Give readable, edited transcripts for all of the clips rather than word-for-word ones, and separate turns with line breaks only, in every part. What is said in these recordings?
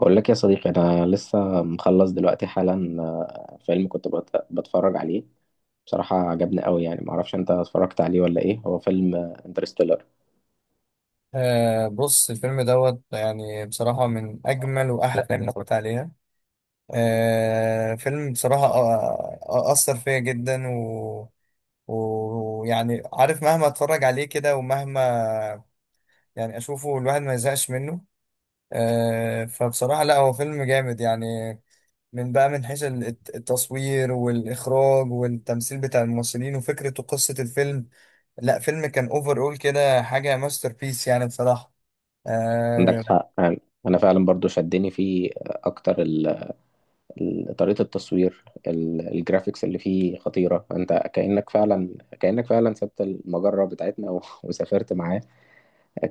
بقول لك يا صديقي انا لسه مخلص دلوقتي حالا. فيلم كنت بتفرج عليه. بصراحة عجبني قوي، يعني معرفش انت اتفرجت عليه ولا ايه. هو فيلم انترستيلر.
بص، الفيلم دوت يعني بصراحة من أجمل وأحلى الأفلام اللي اتفرجت عليها. فيلم، بصراحة، أثر فيا جدا، و ويعني عارف، مهما أتفرج عليه كده ومهما يعني أشوفه الواحد ما يزهقش منه. فبصراحة لا، هو فيلم جامد يعني، من بقى من حيث التصوير والإخراج والتمثيل بتاع الممثلين وفكرة وقصة الفيلم. لا، فيلم كان أوفر، أول كده حاجة ماستر بيس يعني بصراحة.
عندك
آه،
حق يعني. انا فعلا برضو شدني فيه، اكتر طريقة التصوير، الجرافيكس اللي فيه خطيرة. انت كأنك فعلا، كأنك فعلا سبت المجرة بتاعتنا وسافرت معاه.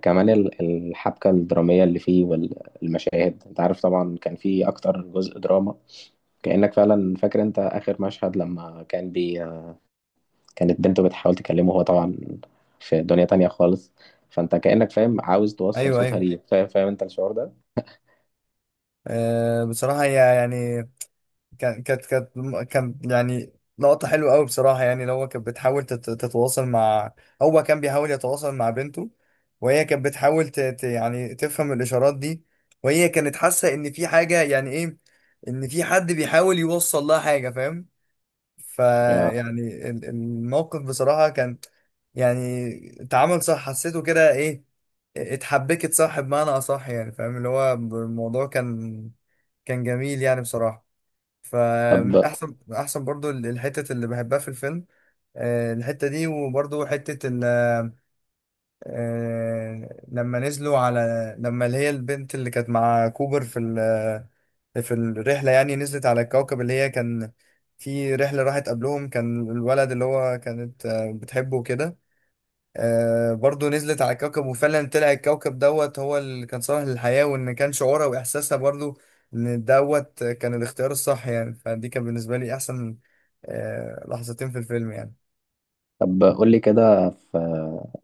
كمان الحبكة الدرامية اللي فيه والمشاهد، انت عارف طبعا كان فيه اكتر جزء دراما. كأنك فعلا فاكر، انت اخر مشهد لما كان بي، كانت بنته بتحاول تكلمه، هو طبعا في دنيا تانية خالص. فانت كأنك فاهم، عاوز توصل
ايوه،
صوتها
ايوه.
ليه، فاهم، فاهم انت الشعور ده؟
بصراحه هي يعني كانت، كان يعني لقطه حلوه قوي بصراحه، يعني لو هو كانت بتحاول تتواصل مع، هو كان بيحاول يتواصل مع بنته، وهي كانت بتحاول يعني تفهم الاشارات دي، وهي كانت حاسه ان في حاجه، يعني ايه، ان في حد بيحاول يوصل لها حاجه، فاهم؟
آه.
فيعني الموقف بصراحة كان يعني اتعامل صح، حسيته كده، ايه اتحبكت صح بمعنى اصح، يعني فاهم اللي هو الموضوع كان كان جميل يعني بصراحة. فمن
طب،
احسن من احسن برضو الحتة اللي بحبها في الفيلم، الحتة دي، وبرضو حتة لما نزلوا على اللي هي البنت اللي كانت مع كوبر في في الرحلة، يعني نزلت على الكوكب اللي هي كان في رحلة راحت قبلهم، كان الولد اللي هو كانت بتحبه وكده. برضو نزلت على الكوكب، وفعلا طلع الكوكب دوت هو اللي كان صالح للحياة، وإن كان شعورها وإحساسها برضو إن دوت كان الاختيار الصح يعني. فدي كان بالنسبة لي أحسن لحظتين في الفيلم يعني.
قول لي كده، في،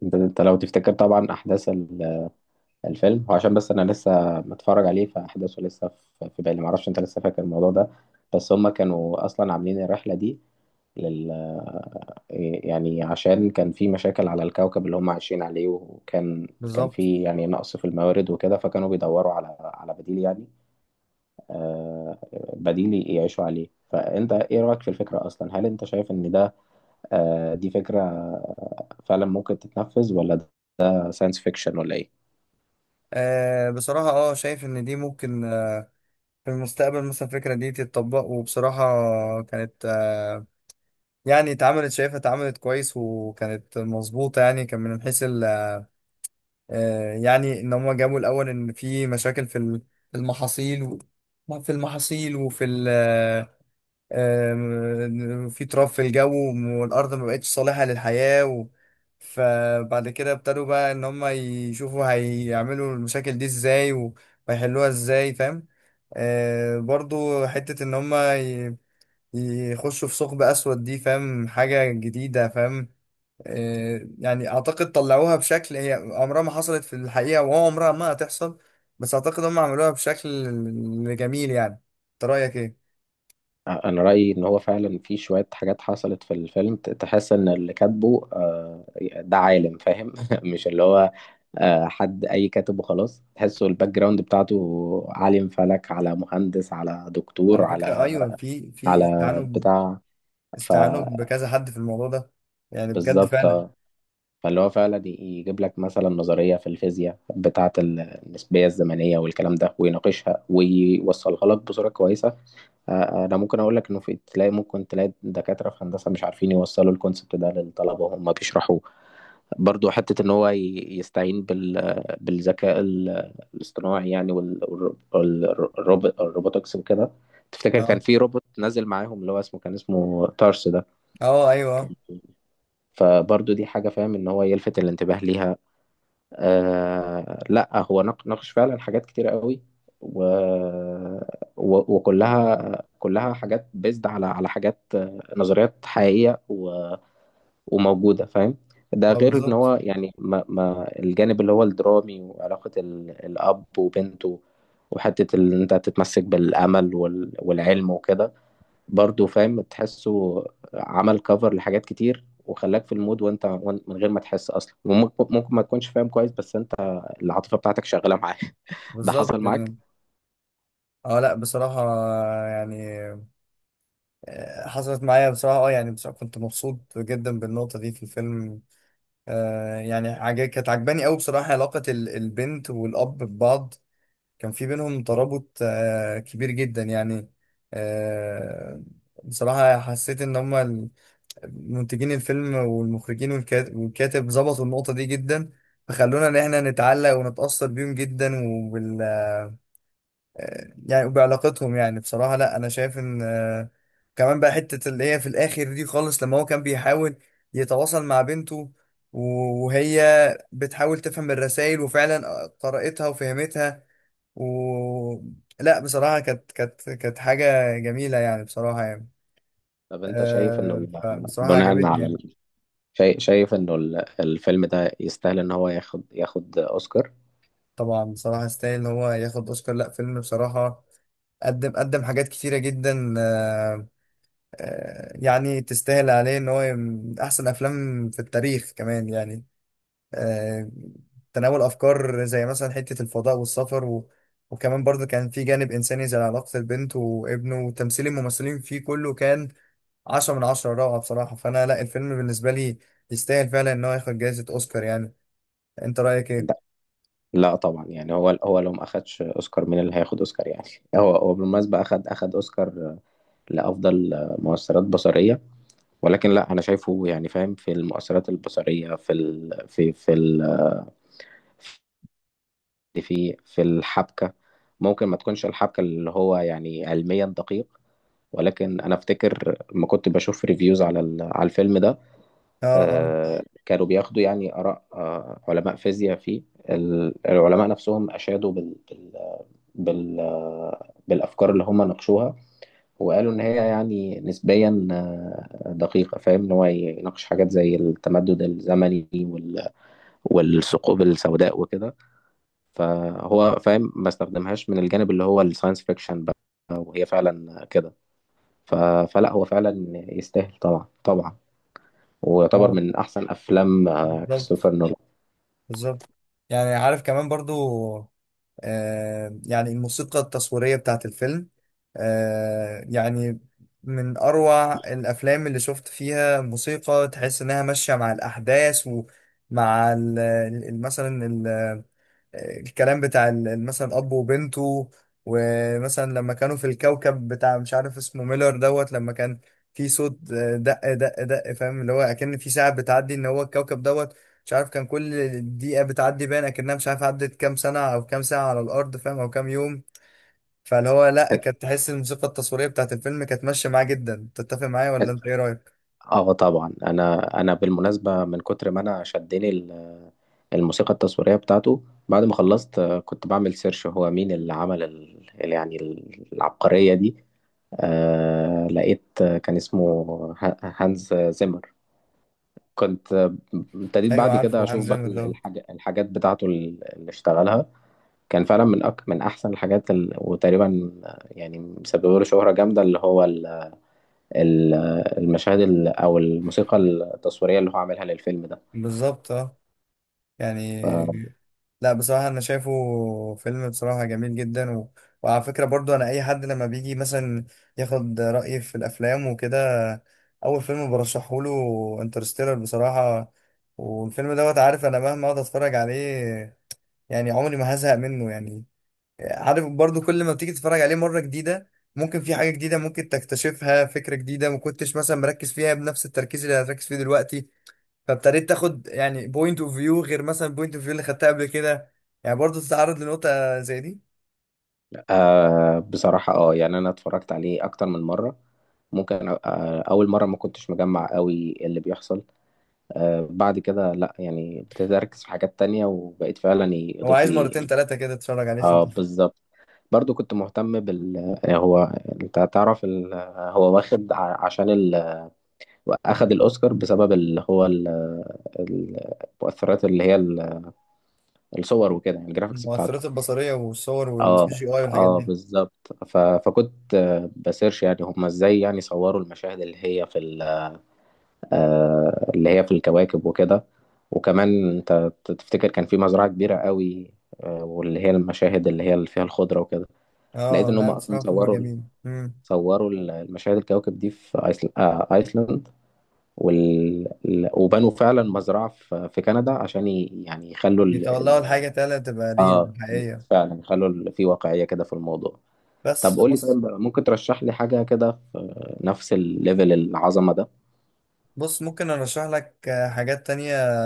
انت لو تفتكر طبعا احداث الفيلم، هو عشان بس انا لسه متفرج عليه فاحداثه لسه في بالي، معرفش انت لسه فاكر الموضوع ده. بس هما كانوا اصلا عاملين الرحلة دي لل، يعني عشان كان في مشاكل على الكوكب اللي هم عايشين عليه، وكان كان
بالظبط.
في يعني نقص في الموارد وكده، فكانوا بيدوروا على بديل يعني. آه، بديل يعيشوا عليه. فأنت إيه رأيك في الفكرة أصلا؟ هل أنت شايف إن ده، دي فكرة فعلا ممكن تتنفذ، ولا ده ساينس فيكشن، ولا إيه؟
بصراحة، شايف ان دي ممكن في المستقبل مثلا الفكرة دي تتطبق. وبصراحة كانت يعني اتعملت، شايفها اتعملت كويس، وكانت مظبوطة، يعني كان من حيث يعني ان هم جابوا الاول ان في مشاكل في في المحاصيل، في المحاصيل وفي في تراب في الجو، والارض ما بقتش صالحة للحياة و- فبعد كده ابتدوا بقى ان هم يشوفوا هيعملوا المشاكل دي ازاي و- وهيحلوها ازاي، فاهم؟ برضو حتة إن هما يخشوا في ثقب أسود دي، فاهم؟ حاجة جديدة، فاهم؟ يعني أعتقد طلعوها بشكل هي عمرها ما حصلت في الحقيقة وعمرها ما هتحصل، بس أعتقد هما عملوها بشكل جميل يعني. أنت رأيك إيه؟
انا رايي ان هو فعلا في شويه حاجات حصلت في الفيلم، تحس ان اللي كاتبه، ده عالم فاهم مش اللي هو، حد اي كاتب وخلاص. تحسه الباك جراوند بتاعته عالم فلك، على مهندس، على دكتور،
على فكرة،
على
أيوة، في استعانوا
على
ب-
بتاع.
استعانوا بكذا حد في الموضوع ده، يعني بجد
فبالظبط
فعلا.
آه. فاللي هو فعلا يجيب لك مثلا نظريه في الفيزياء بتاعه النسبيه الزمنيه والكلام ده، ويناقشها ويوصلها لك بصوره كويسه. انا ممكن اقول لك انه في، تلاقي ممكن تلاقي دكاتره في هندسه مش عارفين يوصلوا الكونسبت ده للطلبه وهم بيشرحوه. برضو حته ان هو يستعين بال، بالذكاء الاصطناعي يعني، والروبوتكس وكده. تفتكر كان
أه،
في روبوت نزل معاهم اللي هو اسمه، كان اسمه تارس ده.
أه، أيوه، أه.
كان- فبرضو دي حاجه فاهم، ان هو يلفت الانتباه ليها. آه لا هو ناقش فعلا حاجات كتيرة قوي، و... و... وكلها، كلها حاجات بيزد على على حاجات، نظريات حقيقية و... وموجودة فاهم. ده غير ان هو
بالظبط.
يعني، ما... ما الجانب اللي هو الدرامي، وعلاقة ال... الأب وبنته، وحتة ان انت تتمسك بالأمل وال... والعلم وكده. برضه فاهم تحسه عمل كفر لحاجات كتير، وخلاك في المود وانت من غير ما تحس اصلا. وممكن، ما تكونش فاهم كويس، بس انت العاطفه بتاعتك شغاله معاه ده حصل
بالظبط
معاك؟
يعني. أه، لأ، بصراحة يعني حصلت معايا بصراحة. اه يعني بصراحة كنت مبسوط جدا بالنقطة دي في الفيلم. يعني كانت عجباني قوي بصراحة، علاقة البنت والأب ببعض، كان في بينهم ترابط كبير جدا يعني. آه بصراحة حسيت إن هما منتجين الفيلم والمخرجين والكاتب ظبطوا النقطة دي جدا، فخلونا إن إحنا نتعلق ونتأثر بيهم جدا يعني، وبعلاقتهم. يعني بصراحة لا، أنا شايف إن كمان بقى حتة اللي هي في الآخر دي خالص، لما هو كان بيحاول يتواصل مع بنته، وهي بتحاول تفهم الرسائل وفعلا قرأتها وفهمتها، و لا بصراحة كانت حاجة جميلة يعني بصراحة يعني.
طب انت شايف انه
فبصراحة
بناء
عجبتني
على
يعني.
ال...، شايف، انه الفيلم ده يستاهل ان هو ياخد، اوسكار؟
طبعا بصراحة يستاهل إن هو ياخد أوسكار. لا فيلم بصراحة قدم قدم حاجات كتيرة جدا، يعني تستاهل عليه ان هو من احسن افلام في التاريخ كمان يعني، آه، تناول افكار زي مثلا حتة الفضاء والسفر و... وكمان برضه كان في جانب انساني زي علاقة البنت وابنه، وتمثيل الممثلين فيه كله كان 10/10 روعة بصراحة. فانا لا، الفيلم بالنسبة لي يستاهل فعلا ان هو ياخد جائزة اوسكار يعني. انت رأيك ايه؟
لا، طبعا يعني. هو، لو ما اخدش اوسكار مين اللي هياخد اوسكار يعني هو، بالمناسبه اخد، اوسكار لافضل مؤثرات بصريه. ولكن لا انا شايفه يعني فاهم، في المؤثرات البصريه في ال... في ال... في الحبكه، ممكن ما تكونش الحبكه اللي هو يعني علميا دقيق. ولكن انا افتكر لما كنت بشوف ريفيوز على على الفيلم ده،
اه، اه،
كانوا بياخدوا يعني اراء، علماء فيزياء فيه. العلماء نفسهم اشادوا بال... بال... بال... بالافكار اللي هم ناقشوها. وقالوا إن هي يعني نسبيا دقيقة فاهم، إن هو يناقش حاجات زي التمدد الزمني والثقوب السوداء وكده. فهو فاهم ما استخدمهاش من الجانب اللي هو الساينس فيكشن بقى، وهي فعلا كده. ف- فلا هو فعلا يستاهل طبعا، طبعا، ويعتبر
اه،
من أحسن أفلام
بالظبط.
كريستوفر نولان.
بالظبط يعني. عارف كمان برضو يعني الموسيقى التصويرية بتاعت الفيلم يعني من أروع الأفلام اللي شفت فيها موسيقى تحس إنها ماشية مع الأحداث، ومع مثلا الكلام بتاع مثلا اب وبنته. ومثلا لما كانوا في الكوكب بتاع مش عارف اسمه ميلر دوت، لما كان في صوت دق دق دق، فاهم؟ اللي هو اكن في ساعه بتعدي ان هو الكوكب دوت، مش عارف، كان كل دقيقه بتعدي باين اكنها مش عارف عدت كام سنه او كام ساعه على الارض، فاهم؟ او كام يوم. فاللي هو لا، كانت تحس الموسيقى التصويريه بتاعت الفيلم كانت ماشيه معاه جدا. تتفق معايا ولا انت ايه رايك؟
اه طبعا. انا بالمناسبه من كتر ما انا شدني الموسيقى التصويرية بتاعته، بعد ما خلصت كنت بعمل سيرش هو مين اللي عمل ال... يعني العبقرية دي. آه لقيت، كان اسمه هانز زيمر. كنت ابتديت
ايوه
بعد كده
عارفه، هانز
أشوف بقى
زيمر دوت.
الحاج... الحاجات بتاعته اللي اشتغلها. كان فعلا من أك... من أحسن الحاجات ال...، وتقريبا يعني مسبب له شهرة جامدة، اللي هو ال... ال- المشاهد ال...، أو الموسيقى التصويرية اللي هو عاملها للفيلم
بالظبط. اه
ده.
يعني لا، بصراحة أنا شايفه فيلم بصراحة جميل جدا و... وعلى فكرة برضو، أنا أي حد لما بيجي مثلا ياخد رأيي في الأفلام وكده، أول فيلم برشحه له انترستيلر بصراحة. والفيلم دوت، عارف أنا مهما أقعد أتفرج عليه يعني عمري ما هزهق منه يعني. عارف برضو كل ما بتيجي تتفرج عليه مرة جديدة ممكن في حاجة جديدة ممكن تكتشفها، فكرة جديدة ما كنتش مثلا مركز فيها بنفس التركيز اللي هتركز فيه دلوقتي، فابتديت تاخد يعني بوينت اوف فيو غير مثلا بوينت اوف فيو اللي خدتها قبل كده. يعني برضه تتعرض لنقطة زي دي.
آه بصراحة اه يعني أنا اتفرجت عليه أكتر من مرة. ممكن آه أول مرة ما كنتش مجمع قوي اللي بيحصل. آه بعد كده لأ، يعني ابتديت أركز في حاجات تانية، وبقيت فعلا
هو
يضيف
عايز
لي
مرتين
إيه.
ثلاثة كده تتفرج عليه عشان
اه
تفهم.
بالظبط. برضو كنت مهتم بال، هو، أنت تعرف ال... هو واخد عشان ال...، أخد الأوسكار بسبب اللي هو ال... المؤثرات اللي هي الصور وكده، يعني الجرافيكس بتاعته.
المؤثرات البصرية والصور والسي
اه.
جي اي والحاجات
اه
دي.
بالظبط. ف... فكنت بسيرش يعني هم ازاي يعني صوروا المشاهد اللي هي في ال... اللي هي في الكواكب وكده. وكمان انت تفتكر كان في مزرعة كبيرة قوي، واللي هي المشاهد اللي هي اللي فيها الخضرة وكده. لقيت
اه
ان هم
لا
اصلا
بصراحة فيلم
صوروا،
جميل.
المشاهد الكواكب دي في ايسل... ايسلند. وال... وبنوا فعلا مزرعة في كندا عشان ي... يعني يخلوا ال...
بيتولوا
ال...
الحاجة تالتة تبقى ريل
اه
حقيقية.
فعلا يخلوا ال... في واقعية كده في الموضوع.
بس
طب قول لي، طيب
خلاص.
ممكن ترشح لي حاجة كده في نفس الليفل العظمة ده؟
بص، ممكن ارشح لك حاجات تانية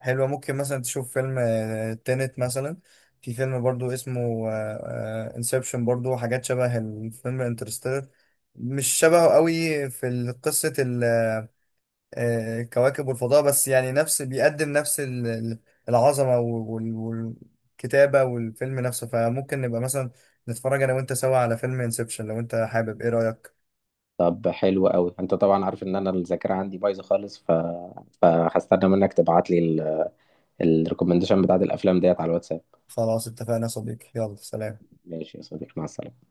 حلوة. ممكن مثلا تشوف فيلم تينت مثلا. في فيلم برضو اسمه انسبشن، برضو حاجات شبه الفيلم انترستيلر، مش شبهه قوي في قصة الكواكب والفضاء، بس يعني نفس بيقدم نفس العظمة والكتابة والفيلم نفسه. فممكن نبقى مثلا نتفرج أنا وأنت سوا على فيلم انسبشن لو أنت حابب. إيه رأيك؟
طب حلو قوي. انت طبعا عارف ان انا الذاكرة عندي بايظة خالص، ف... فهستنى منك تبعت لي الريكومنديشن بتاعت الافلام ديت على الواتساب.
خلاص، اتفقنا يا صديقي. يلا، سلام.
ماشي يا صديقي، مع السلامة.